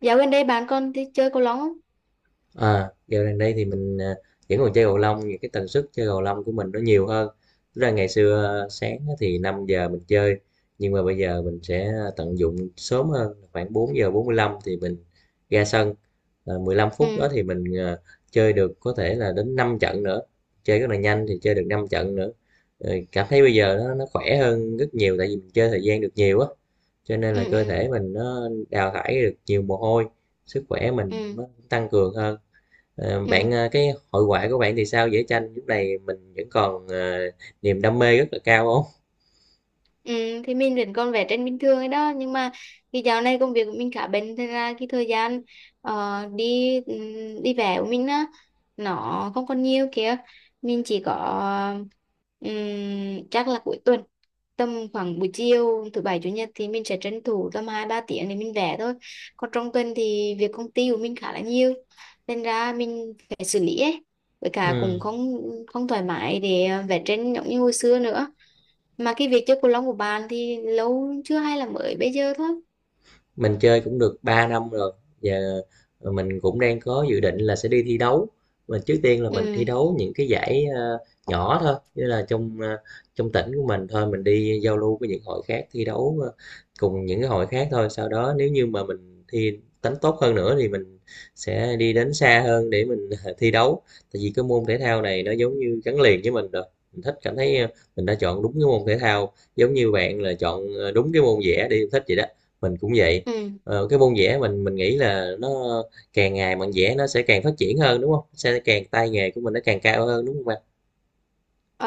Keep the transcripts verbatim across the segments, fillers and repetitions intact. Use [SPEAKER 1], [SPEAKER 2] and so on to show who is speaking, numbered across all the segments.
[SPEAKER 1] Dạo gần đây bạn con đi chơi cầu lông không?
[SPEAKER 2] À, dạo gần đây thì mình à, vẫn còn chơi cầu lông, những cái tần suất chơi cầu lông của mình nó nhiều hơn. Tức là ngày xưa à, sáng á thì năm giờ mình chơi, nhưng mà bây giờ mình sẽ tận dụng sớm hơn khoảng bốn giờ bốn mươi lăm thì mình ra sân. À, mười lăm phút đó
[SPEAKER 1] Ừ,
[SPEAKER 2] thì mình à, chơi được có thể là đến năm trận nữa, chơi rất là nhanh thì chơi được năm trận nữa. Ờ, cảm thấy bây giờ nó nó khỏe hơn rất nhiều, tại vì mình chơi thời gian được nhiều á, cho nên là
[SPEAKER 1] ừ,
[SPEAKER 2] cơ
[SPEAKER 1] ừ,
[SPEAKER 2] thể mình nó đào thải được nhiều mồ hôi, sức khỏe mình
[SPEAKER 1] ừ,
[SPEAKER 2] nó tăng cường hơn. Ờ, bạn
[SPEAKER 1] ừ.
[SPEAKER 2] ờ, cái hội họa của bạn thì sao? Vẽ tranh lúc này mình vẫn còn ờ, niềm đam mê rất là cao không?
[SPEAKER 1] Ừ, thì mình vẫn còn vẽ tranh bình thường ấy đó nhưng mà cái dạo này công việc của mình khá bận thế ra cái thời gian ờ, đi ừm, đi vẽ của mình á nó không còn nhiều kìa mình chỉ có ừm, chắc là cuối tuần tầm khoảng buổi chiều thứ bảy chủ nhật thì mình sẽ tranh thủ tầm hai ba tiếng để mình vẽ thôi còn trong tuần thì việc công ty của mình khá là nhiều nên ra mình phải xử lý ấy với cả cũng
[SPEAKER 2] Ừ.
[SPEAKER 1] không không thoải mái để vẽ tranh giống như hồi xưa nữa mà cái việc chơi cầu lông của bạn thì lâu chưa hay là mới bây giờ thôi
[SPEAKER 2] Mình chơi cũng được ba năm rồi. Giờ mình cũng đang có dự định là sẽ đi thi đấu. Mình trước tiên là
[SPEAKER 1] ừ
[SPEAKER 2] mình thi đấu những cái giải ờ, nhỏ thôi, như là trong ờ, trong tỉnh của mình thôi, mình đi giao lưu với những hội khác thi đấu ờ, cùng những cái hội khác thôi. Sau đó nếu như mà mình thi đánh tốt hơn nữa thì mình sẽ đi đến xa hơn để mình thi đấu. Tại vì cái môn thể thao này nó giống như gắn liền với mình rồi. Mình thích cảm thấy ờ, mình đã chọn đúng cái môn thể thao, giống như bạn là chọn ờ, đúng cái môn vẽ đi thích vậy đó. Mình cũng vậy.
[SPEAKER 1] ừ
[SPEAKER 2] Ờ, cái môn vẽ mình mình nghĩ là nó càng ngày mình vẽ nó sẽ càng phát triển hơn đúng không? Sẽ càng tay nghề của mình nó càng cao hơn đúng không bạn?
[SPEAKER 1] Ờ,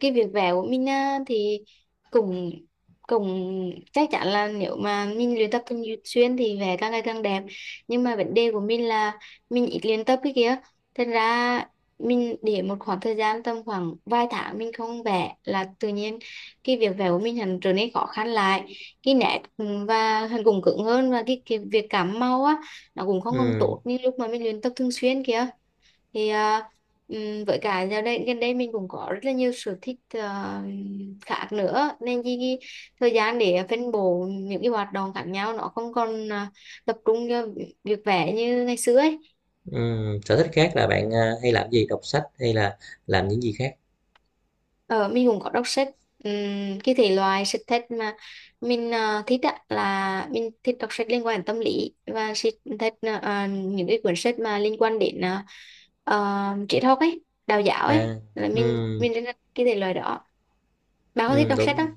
[SPEAKER 1] cái việc vẽ của mình á, thì cũng cũng chắc chắn là nếu mà mình luyện tập thường xuyên thì vẽ càng ngày càng đẹp nhưng mà vấn đề của mình là mình ít luyện tập cái kia thành ra mình để một khoảng thời gian tầm khoảng vài tháng mình không vẽ là tự nhiên cái việc vẽ của mình hẳn trở nên khó khăn lại cái nét ừ, và hẳn cũng cứng hơn và cái, cái việc cảm màu á nó cũng không còn
[SPEAKER 2] Ừ,
[SPEAKER 1] tốt như lúc mà mình luyện tập thường xuyên kia thì à, ừm, với cả giờ đây gần đây mình cũng có rất là nhiều sở thích à, khác nữa nên cái, cái thời gian để phân bổ những cái hoạt động khác nhau nó không còn à, tập trung cho việc vẽ như ngày xưa ấy
[SPEAKER 2] ừ. Sở thích khác là bạn à, hay làm gì? Đọc sách hay là làm những gì khác?
[SPEAKER 1] ờ, mình cũng có đọc sách. Ừm, cái thể loại sách thích mà mình à, thích á, là mình thích đọc sách liên quan đến tâm lý và sách thích à, à, những cái cuốn sách mà liên quan đến à, ờ, triết học ấy đạo giáo ấy
[SPEAKER 2] À,
[SPEAKER 1] là
[SPEAKER 2] ừ,
[SPEAKER 1] mình mình rất là cái thể loại đó bạn có thích
[SPEAKER 2] ừ,
[SPEAKER 1] đọc sách
[SPEAKER 2] đúng
[SPEAKER 1] không
[SPEAKER 2] rồi.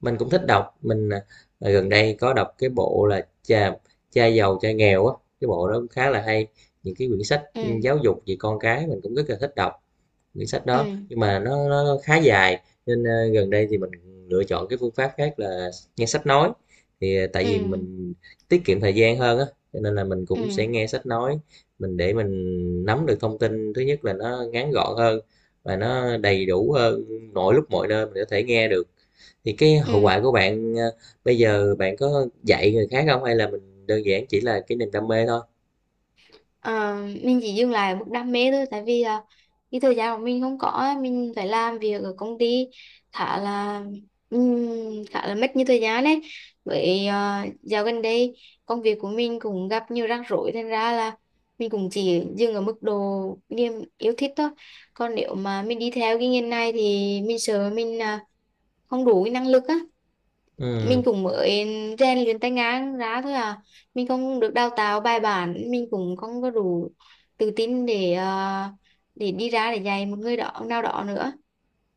[SPEAKER 2] Mình cũng thích đọc. Mình à, à, gần đây có đọc cái bộ là cha cha giàu cha nghèo á, cái bộ đó cũng khá là hay. Những cái quyển sách
[SPEAKER 1] ừ
[SPEAKER 2] ừ, giáo dục về con cái mình cũng rất là thích đọc. Quyển sách đó
[SPEAKER 1] ừ
[SPEAKER 2] nhưng mà nó nó khá dài nên ờ, gần đây thì mình lựa chọn cái phương pháp khác là nghe sách nói, thì ờ, tại vì
[SPEAKER 1] ừ
[SPEAKER 2] mình tiết kiệm thời gian hơn á, cho nên là mình
[SPEAKER 1] ừ
[SPEAKER 2] cũng sẽ nghe sách nói, mình để mình nắm được thông tin thứ nhất là nó ngắn gọn hơn và nó đầy đủ hơn, mọi lúc mọi nơi mình có thể nghe được. Thì cái hậu
[SPEAKER 1] ừ
[SPEAKER 2] quả của bạn ờ, bây giờ bạn có dạy người khác không, hay là mình đơn giản chỉ là cái niềm đam mê thôi?
[SPEAKER 1] Ờ, mình chỉ dừng lại ở mức đam mê thôi tại vì là cái thời gian của mình không có á, mình phải làm việc ở công ty khá là ừm, khá là mất nhiều thời gian đấy với ờ, dạo gần đây công việc của mình cũng gặp nhiều rắc rối thành ra là mình cũng chỉ dừng ở mức độ niềm yêu thích thôi còn nếu mà mình đi theo cái ngành này thì mình sợ mình à, không đủ cái năng lực á mình
[SPEAKER 2] Ừ.
[SPEAKER 1] cũng mới rèn luyện tay ngang ra thôi à mình không được đào tạo bài bản mình cũng không có đủ tự tin để ờ, để đi ra để dạy một người đó nào đó nữa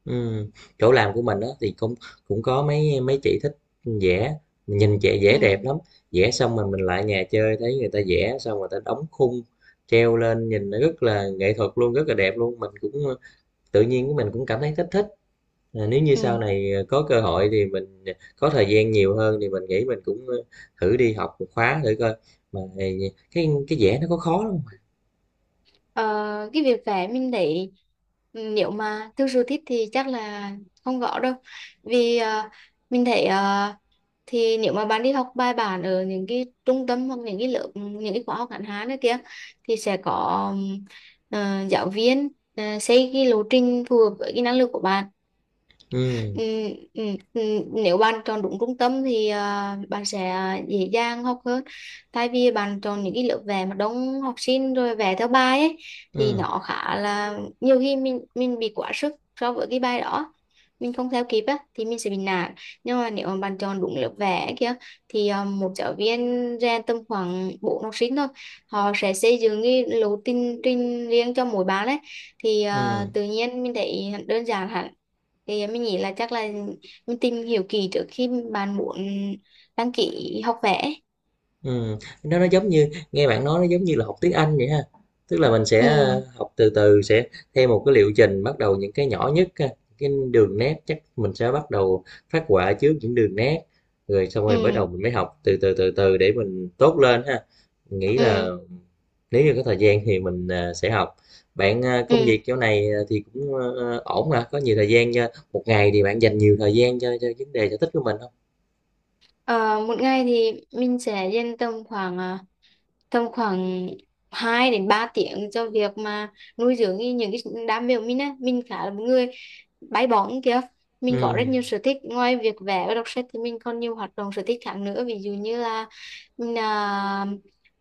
[SPEAKER 2] Ừm, chỗ làm của mình đó thì cũng cũng có mấy mấy chị thích vẽ, nhìn chị
[SPEAKER 1] ừ
[SPEAKER 2] vẽ đẹp lắm, vẽ xong rồi mình lại nhà chơi thấy người ta vẽ xong người ta đóng khung treo lên nhìn nó rất là nghệ thuật luôn, rất là đẹp luôn. Mình cũng ờ, tự nhiên của mình cũng cảm thấy thích thích. à, nếu như sau
[SPEAKER 1] ừ
[SPEAKER 2] này ờ, có cơ hội thì mình à, có thời gian nhiều hơn thì mình nghĩ mình cũng ờ, thử đi học một khóa thử coi. Mà ờ, cái cái vẽ nó có khó lắm?
[SPEAKER 1] Ờ, cái việc vẽ mình thấy ừ, nếu mà thực sự thích thì chắc là không gõ đâu vì ờ, mình thấy ờ, thì nếu mà bạn đi học bài bản ở những cái trung tâm hoặc những cái lớp những cái khóa học ngắn hạn này kia thì sẽ có ừm, ờ, giáo viên ờ, xây cái lộ trình phù hợp với cái năng lực của bạn.
[SPEAKER 2] Ừ,
[SPEAKER 1] Ừ, ừ, ừ, nếu bạn chọn đúng trung tâm thì à, bạn sẽ dễ dàng học hơn tại vì bạn chọn những cái lớp vẽ mà đông học sinh rồi vẽ theo bài ấy thì
[SPEAKER 2] ừ,
[SPEAKER 1] nó khá là nhiều khi mình mình bị quá sức so với cái bài đó mình không theo kịp á thì mình sẽ bị nản nhưng mà nếu mà bạn chọn đúng lớp vẽ kia thì à, một giáo viên rèn tầm khoảng bốn học sinh thôi họ sẽ xây dựng cái lộ trình trình riêng cho mỗi bạn ấy thì à,
[SPEAKER 2] ừ.
[SPEAKER 1] tự nhiên mình thấy đơn giản hẳn thì mình nghĩ là chắc là mình tìm hiểu kỹ trước khi bạn muốn đăng ký học vẽ
[SPEAKER 2] Ừm, nó nó giống như nghe bạn nói, nó giống như là học tiếng Anh vậy ha. Tức là mình sẽ,
[SPEAKER 1] ừ
[SPEAKER 2] ơ, học từ từ, sẽ theo một cái liệu trình, bắt đầu những cái nhỏ nhất ha, cái đường nét chắc mình sẽ bắt đầu phát họa trước những đường nét, rồi xong rồi bắt đầu
[SPEAKER 1] ừ
[SPEAKER 2] mình mới học từ từ, từ từ để mình tốt lên ha. Mình nghĩ là
[SPEAKER 1] ừ
[SPEAKER 2] nếu như có thời gian thì mình, à, sẽ học. Bạn, a, công
[SPEAKER 1] ừ
[SPEAKER 2] việc chỗ này, à, thì cũng, ơ, ổn hả? Có nhiều thời gian cho một ngày thì bạn dành nhiều thời gian cho cho vấn đề sở thích của mình không?
[SPEAKER 1] Ờ, một ngày thì mình sẽ dành tầm khoảng ờ, tầm khoảng hai đến ba tiếng cho việc mà nuôi dưỡng cái- những cái đam mê của mình á mình khá là một người bay bổng kìa mình có rất
[SPEAKER 2] Ừm,
[SPEAKER 1] nhiều sở thích ngoài việc vẽ và đọc sách thì mình còn nhiều hoạt động sở thích khác nữa ví dụ như là mình, à,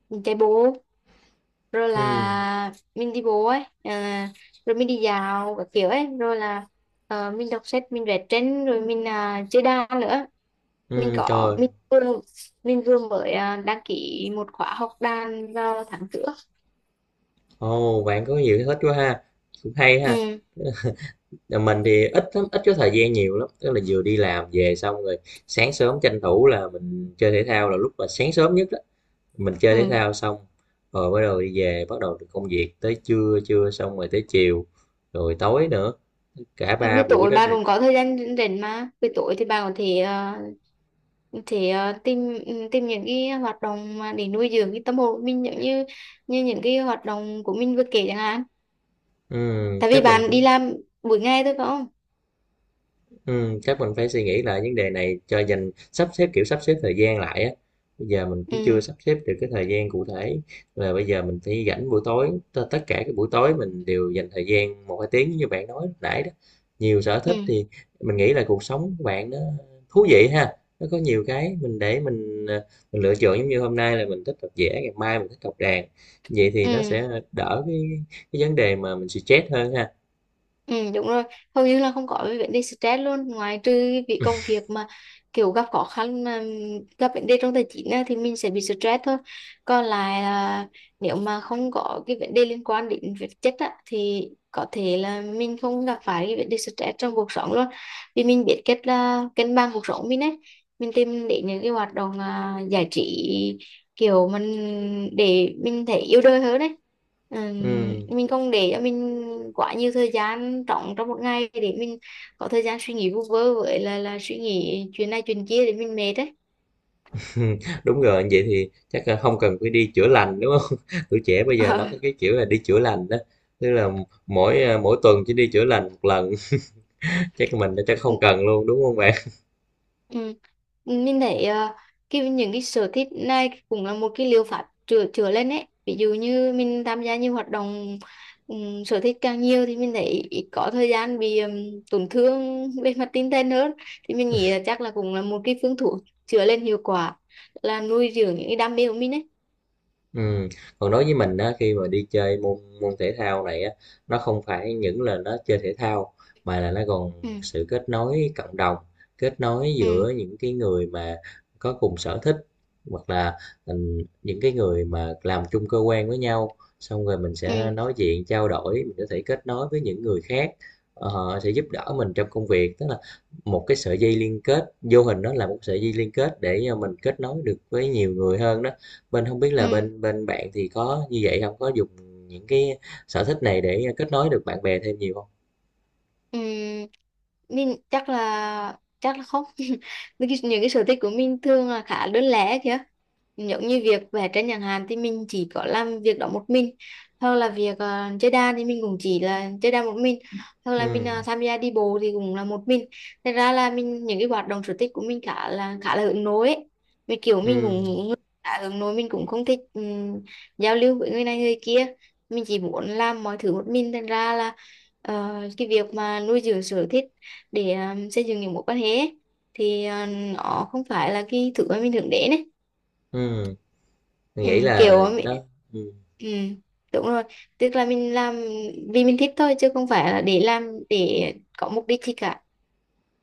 [SPEAKER 1] mình chạy bộ rồi
[SPEAKER 2] ừm,
[SPEAKER 1] là mình đi bộ ấy à, rồi mình đi dạo các kiểu ấy rồi là ờ, mình đọc sách mình vẽ tranh rồi mình à, chơi đàn nữa mình
[SPEAKER 2] ừm,
[SPEAKER 1] có
[SPEAKER 2] trời.
[SPEAKER 1] mình vừa mình vừa mới à, đăng ký một khóa học đàn vào tháng trước
[SPEAKER 2] Ồ, bạn có nhiều sở thích quá ha, cũng hay ha.
[SPEAKER 1] ừ,
[SPEAKER 2] Là mình thì ít lắm, ít có thời gian nhiều lắm, tức là vừa đi làm về xong rồi sáng sớm tranh thủ là mình chơi thể thao là lúc mà sáng sớm nhất đó. Mình chơi thể
[SPEAKER 1] ừ.
[SPEAKER 2] thao xong rồi bắt đầu đi về, bắt đầu công việc tới trưa, trưa xong rồi tới chiều, rồi tối nữa, cả ba
[SPEAKER 1] Buổi
[SPEAKER 2] buổi
[SPEAKER 1] tối
[SPEAKER 2] đó
[SPEAKER 1] bạn
[SPEAKER 2] thì
[SPEAKER 1] cũng có thời gian rảnh mà buổi tối thì bạn có thể à, thể à, tìm ừ, tìm những cái hoạt động mà để nuôi dưỡng cái tâm hồn của mình giống như như những cái hoạt động của mình vừa kể chẳng hạn
[SPEAKER 2] ừ,
[SPEAKER 1] tại vì
[SPEAKER 2] chắc mình
[SPEAKER 1] bạn đi
[SPEAKER 2] cũng
[SPEAKER 1] làm buổi ngày thôi phải không
[SPEAKER 2] ừ, chắc mình phải suy nghĩ lại vấn đề này cho dành sắp xếp, kiểu sắp xếp thời gian lại á. Bây giờ mình
[SPEAKER 1] ừ
[SPEAKER 2] cũng chưa sắp xếp được cái thời gian cụ thể là bây giờ mình phải rảnh buổi tối, t- tất cả các buổi tối mình đều dành thời gian một hai tiếng như bạn nói lúc nãy đó. Nhiều sở thích
[SPEAKER 1] ừ
[SPEAKER 2] thì mình nghĩ là cuộc sống của bạn nó thú vị ha, nó có nhiều cái mình để mình ờ, mình lựa chọn, giống như hôm nay là mình thích đọc vẽ, ngày mai mình thích học đàn, vậy thì nó
[SPEAKER 1] ừ
[SPEAKER 2] sẽ đỡ cái cái vấn đề mà mình stress hơn ha.
[SPEAKER 1] ừ đúng rồi hầu như là không có cái vấn đề stress luôn ngoài trừ cái việc công việc mà kiểu gặp khó khăn mà ừ, gặp vấn đề trong tài chính á, thì mình sẽ bị stress thôi còn lại là nếu mà không có cái vấn đề liên quan đến vật chất á, thì có thể là mình không gặp phải cái vấn đề stress trong cuộc sống luôn vì mình biết cách là cân bằng cuộc sống mình ấy mình tìm đến những cái hoạt động à, giải trí kiểu mình để mình thấy yêu đời hơn đấy. Ừm,
[SPEAKER 2] Ừ.
[SPEAKER 1] mình không để cho mình quá nhiều thời gian trống trong một ngày để mình có thời gian suy nghĩ vu vơ với là là suy nghĩ chuyện này chuyện kia để mình mệt đấy.
[SPEAKER 2] Ừm, đúng rồi, vậy thì chắc là không cần phải đi chữa lành, đúng không? Tuổi trẻ bây giờ nó có cái kiểu là đi chữa lành đó, tức là mỗi, à, mỗi tuần chỉ đi chữa lành một lần, chắc là mình chắc không cần luôn, đúng không bạn?
[SPEAKER 1] Ừ. Mình thấy ờ, cái những cái sở thích này cũng là một cái liệu pháp chữa chữa lên ấy ví dụ như mình tham gia nhiều hoạt động ừm, sở thích càng nhiều thì mình thấy ít có thời gian bị ừm, tổn thương về mặt tinh thần hơn thì mình nghĩ là chắc là cũng là một cái phương thuốc chữa lên hiệu quả là nuôi dưỡng những cái đam mê của mình ấy
[SPEAKER 2] Ừ. Còn đối với mình á, khi mà đi chơi môn môn thể thao này á, nó không phải những là nó chơi thể thao mà là nó còn
[SPEAKER 1] ừ
[SPEAKER 2] sự kết nối cộng đồng, kết nối
[SPEAKER 1] ừ
[SPEAKER 2] giữa những cái người mà có cùng sở thích, hoặc là ừ, những cái người mà làm chung cơ quan với nhau, xong rồi mình sẽ
[SPEAKER 1] ừ
[SPEAKER 2] nói chuyện trao đổi, mình có thể kết nối với những người khác, ờ, sẽ giúp đỡ mình trong công việc, tức là một cái sợi dây liên kết vô hình, đó là một sợi dây liên kết để mình kết nối được với nhiều người hơn đó. Bên không biết
[SPEAKER 1] ừ
[SPEAKER 2] là bên bên bạn thì có như vậy không? Có dùng những cái sở thích này để kết nối được bạn bè thêm nhiều không?
[SPEAKER 1] Ừm, mình chắc là chắc là không. những cái, những cái sở thích của mình thường là khá đơn lẻ kìa giống như việc vẽ tranh chẳng hạn thì mình chỉ có làm việc đó một mình hoặc là việc ờ, chơi đàn thì mình cũng chỉ là chơi đàn một mình hoặc là mình ờ,
[SPEAKER 2] Ừm,
[SPEAKER 1] tham gia đi bộ thì cũng là một mình thật ra là mình những cái hoạt động sở thích của mình khá là khá là hướng nội ấy vì kiểu mình
[SPEAKER 2] ừm,
[SPEAKER 1] cũng khá hướng nội mình cũng không thích ừm, giao lưu với người này người kia mình chỉ muốn làm mọi thứ một mình thành ra là Ờ, cái việc mà nuôi dưỡng sở thích để um, xây dựng những mối quan hệ ấy, thì ờ, nó không phải là cái thứ mà mình hướng đến ấy
[SPEAKER 2] ừm, mình
[SPEAKER 1] ừ,
[SPEAKER 2] nghĩ
[SPEAKER 1] kiểu
[SPEAKER 2] là
[SPEAKER 1] ờ, mình-
[SPEAKER 2] nó ừm.
[SPEAKER 1] ừ, đúng rồi tức là mình làm vì mình thích thôi chứ không phải là để làm để có mục đích gì cả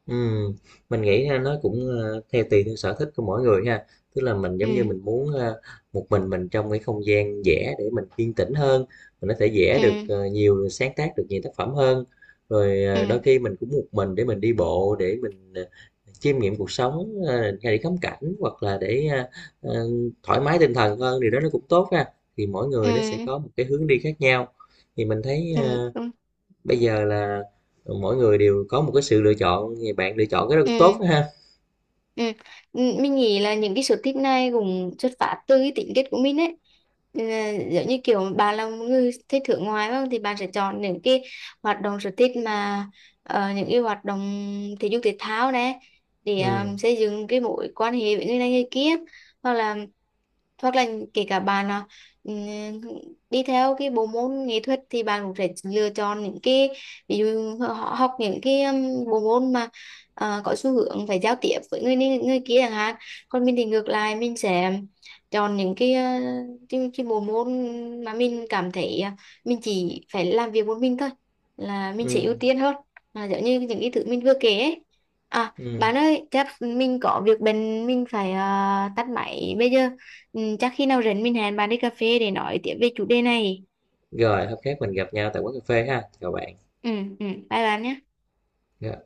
[SPEAKER 2] Ừm, mình nghĩ ha, nó cũng ờ, theo tùy theo sở thích của mỗi người ha. Tức là mình, giống như,
[SPEAKER 1] ừ,
[SPEAKER 2] mình muốn, ờ, một mình mình trong cái không gian vẽ để mình yên tĩnh hơn, mình có thể vẽ được,
[SPEAKER 1] ừ,
[SPEAKER 2] ờ, nhiều, sáng tác được nhiều tác phẩm hơn. Rồi, ờ, đôi
[SPEAKER 1] ừ,
[SPEAKER 2] khi mình cũng một mình để mình đi bộ, để mình, ờ, chiêm nghiệm cuộc sống, ờ, hay để ngắm cảnh, hoặc là để, a, ờ, thoải mái tinh thần hơn, thì đó nó cũng tốt ha. Thì mỗi người nó sẽ
[SPEAKER 1] ừ,
[SPEAKER 2] có một cái hướng đi khác nhau. Thì mình thấy,
[SPEAKER 1] ừ, ừ,
[SPEAKER 2] ờ,
[SPEAKER 1] đúng,
[SPEAKER 2] bây giờ là mỗi người đều có một cái sự lựa chọn, thì bạn lựa chọn cái đó cũng tốt
[SPEAKER 1] ừ.
[SPEAKER 2] đó ha.
[SPEAKER 1] Ừ. M- Mình nghĩ là những cái sở thích này cũng xuất phát từ cái tính kết của mình ấy. Ừ, giống như kiểu bạn là một người thích thưởng ngoài phải không? Thì bạn sẽ chọn những cái hoạt động sở thích mà ờ, những cái hoạt động thể dục thể thao này để ờ,
[SPEAKER 2] Ừ,
[SPEAKER 1] xây dựng cái mối quan hệ với người này người kia hoặc là hoặc là kể cả bạn là ừ, đi theo cái bộ môn nghệ thuật thì bạn cũng sẽ lựa chọn những cái ví dụ họ học những cái um, bộ môn mà ờ, có xu hướng phải giao tiếp với người này người kia chẳng hạn còn mình thì ngược lại mình sẽ chọn những cái ờ, cái, cái bộ môn mà mình cảm thấy ờ, mình chỉ phải làm việc một mình thôi là mình sẽ
[SPEAKER 2] ừ,
[SPEAKER 1] ưu tiên hơn là giống như những cái thứ mình vừa kể ấy. À,
[SPEAKER 2] ừ.
[SPEAKER 1] bạn ơi, chắc mình có việc bận mình phải ờ, tắt máy bây giờ. Ừ, chắc khi nào rảnh mình hẹn bạn đi cà phê để nói tiếp về chủ đề này.
[SPEAKER 2] Rồi hôm khác mình gặp nhau tại quán cà phê ha, chào bạn.
[SPEAKER 1] Ừ, ừ, bye bạn nhé.
[SPEAKER 2] Rồi.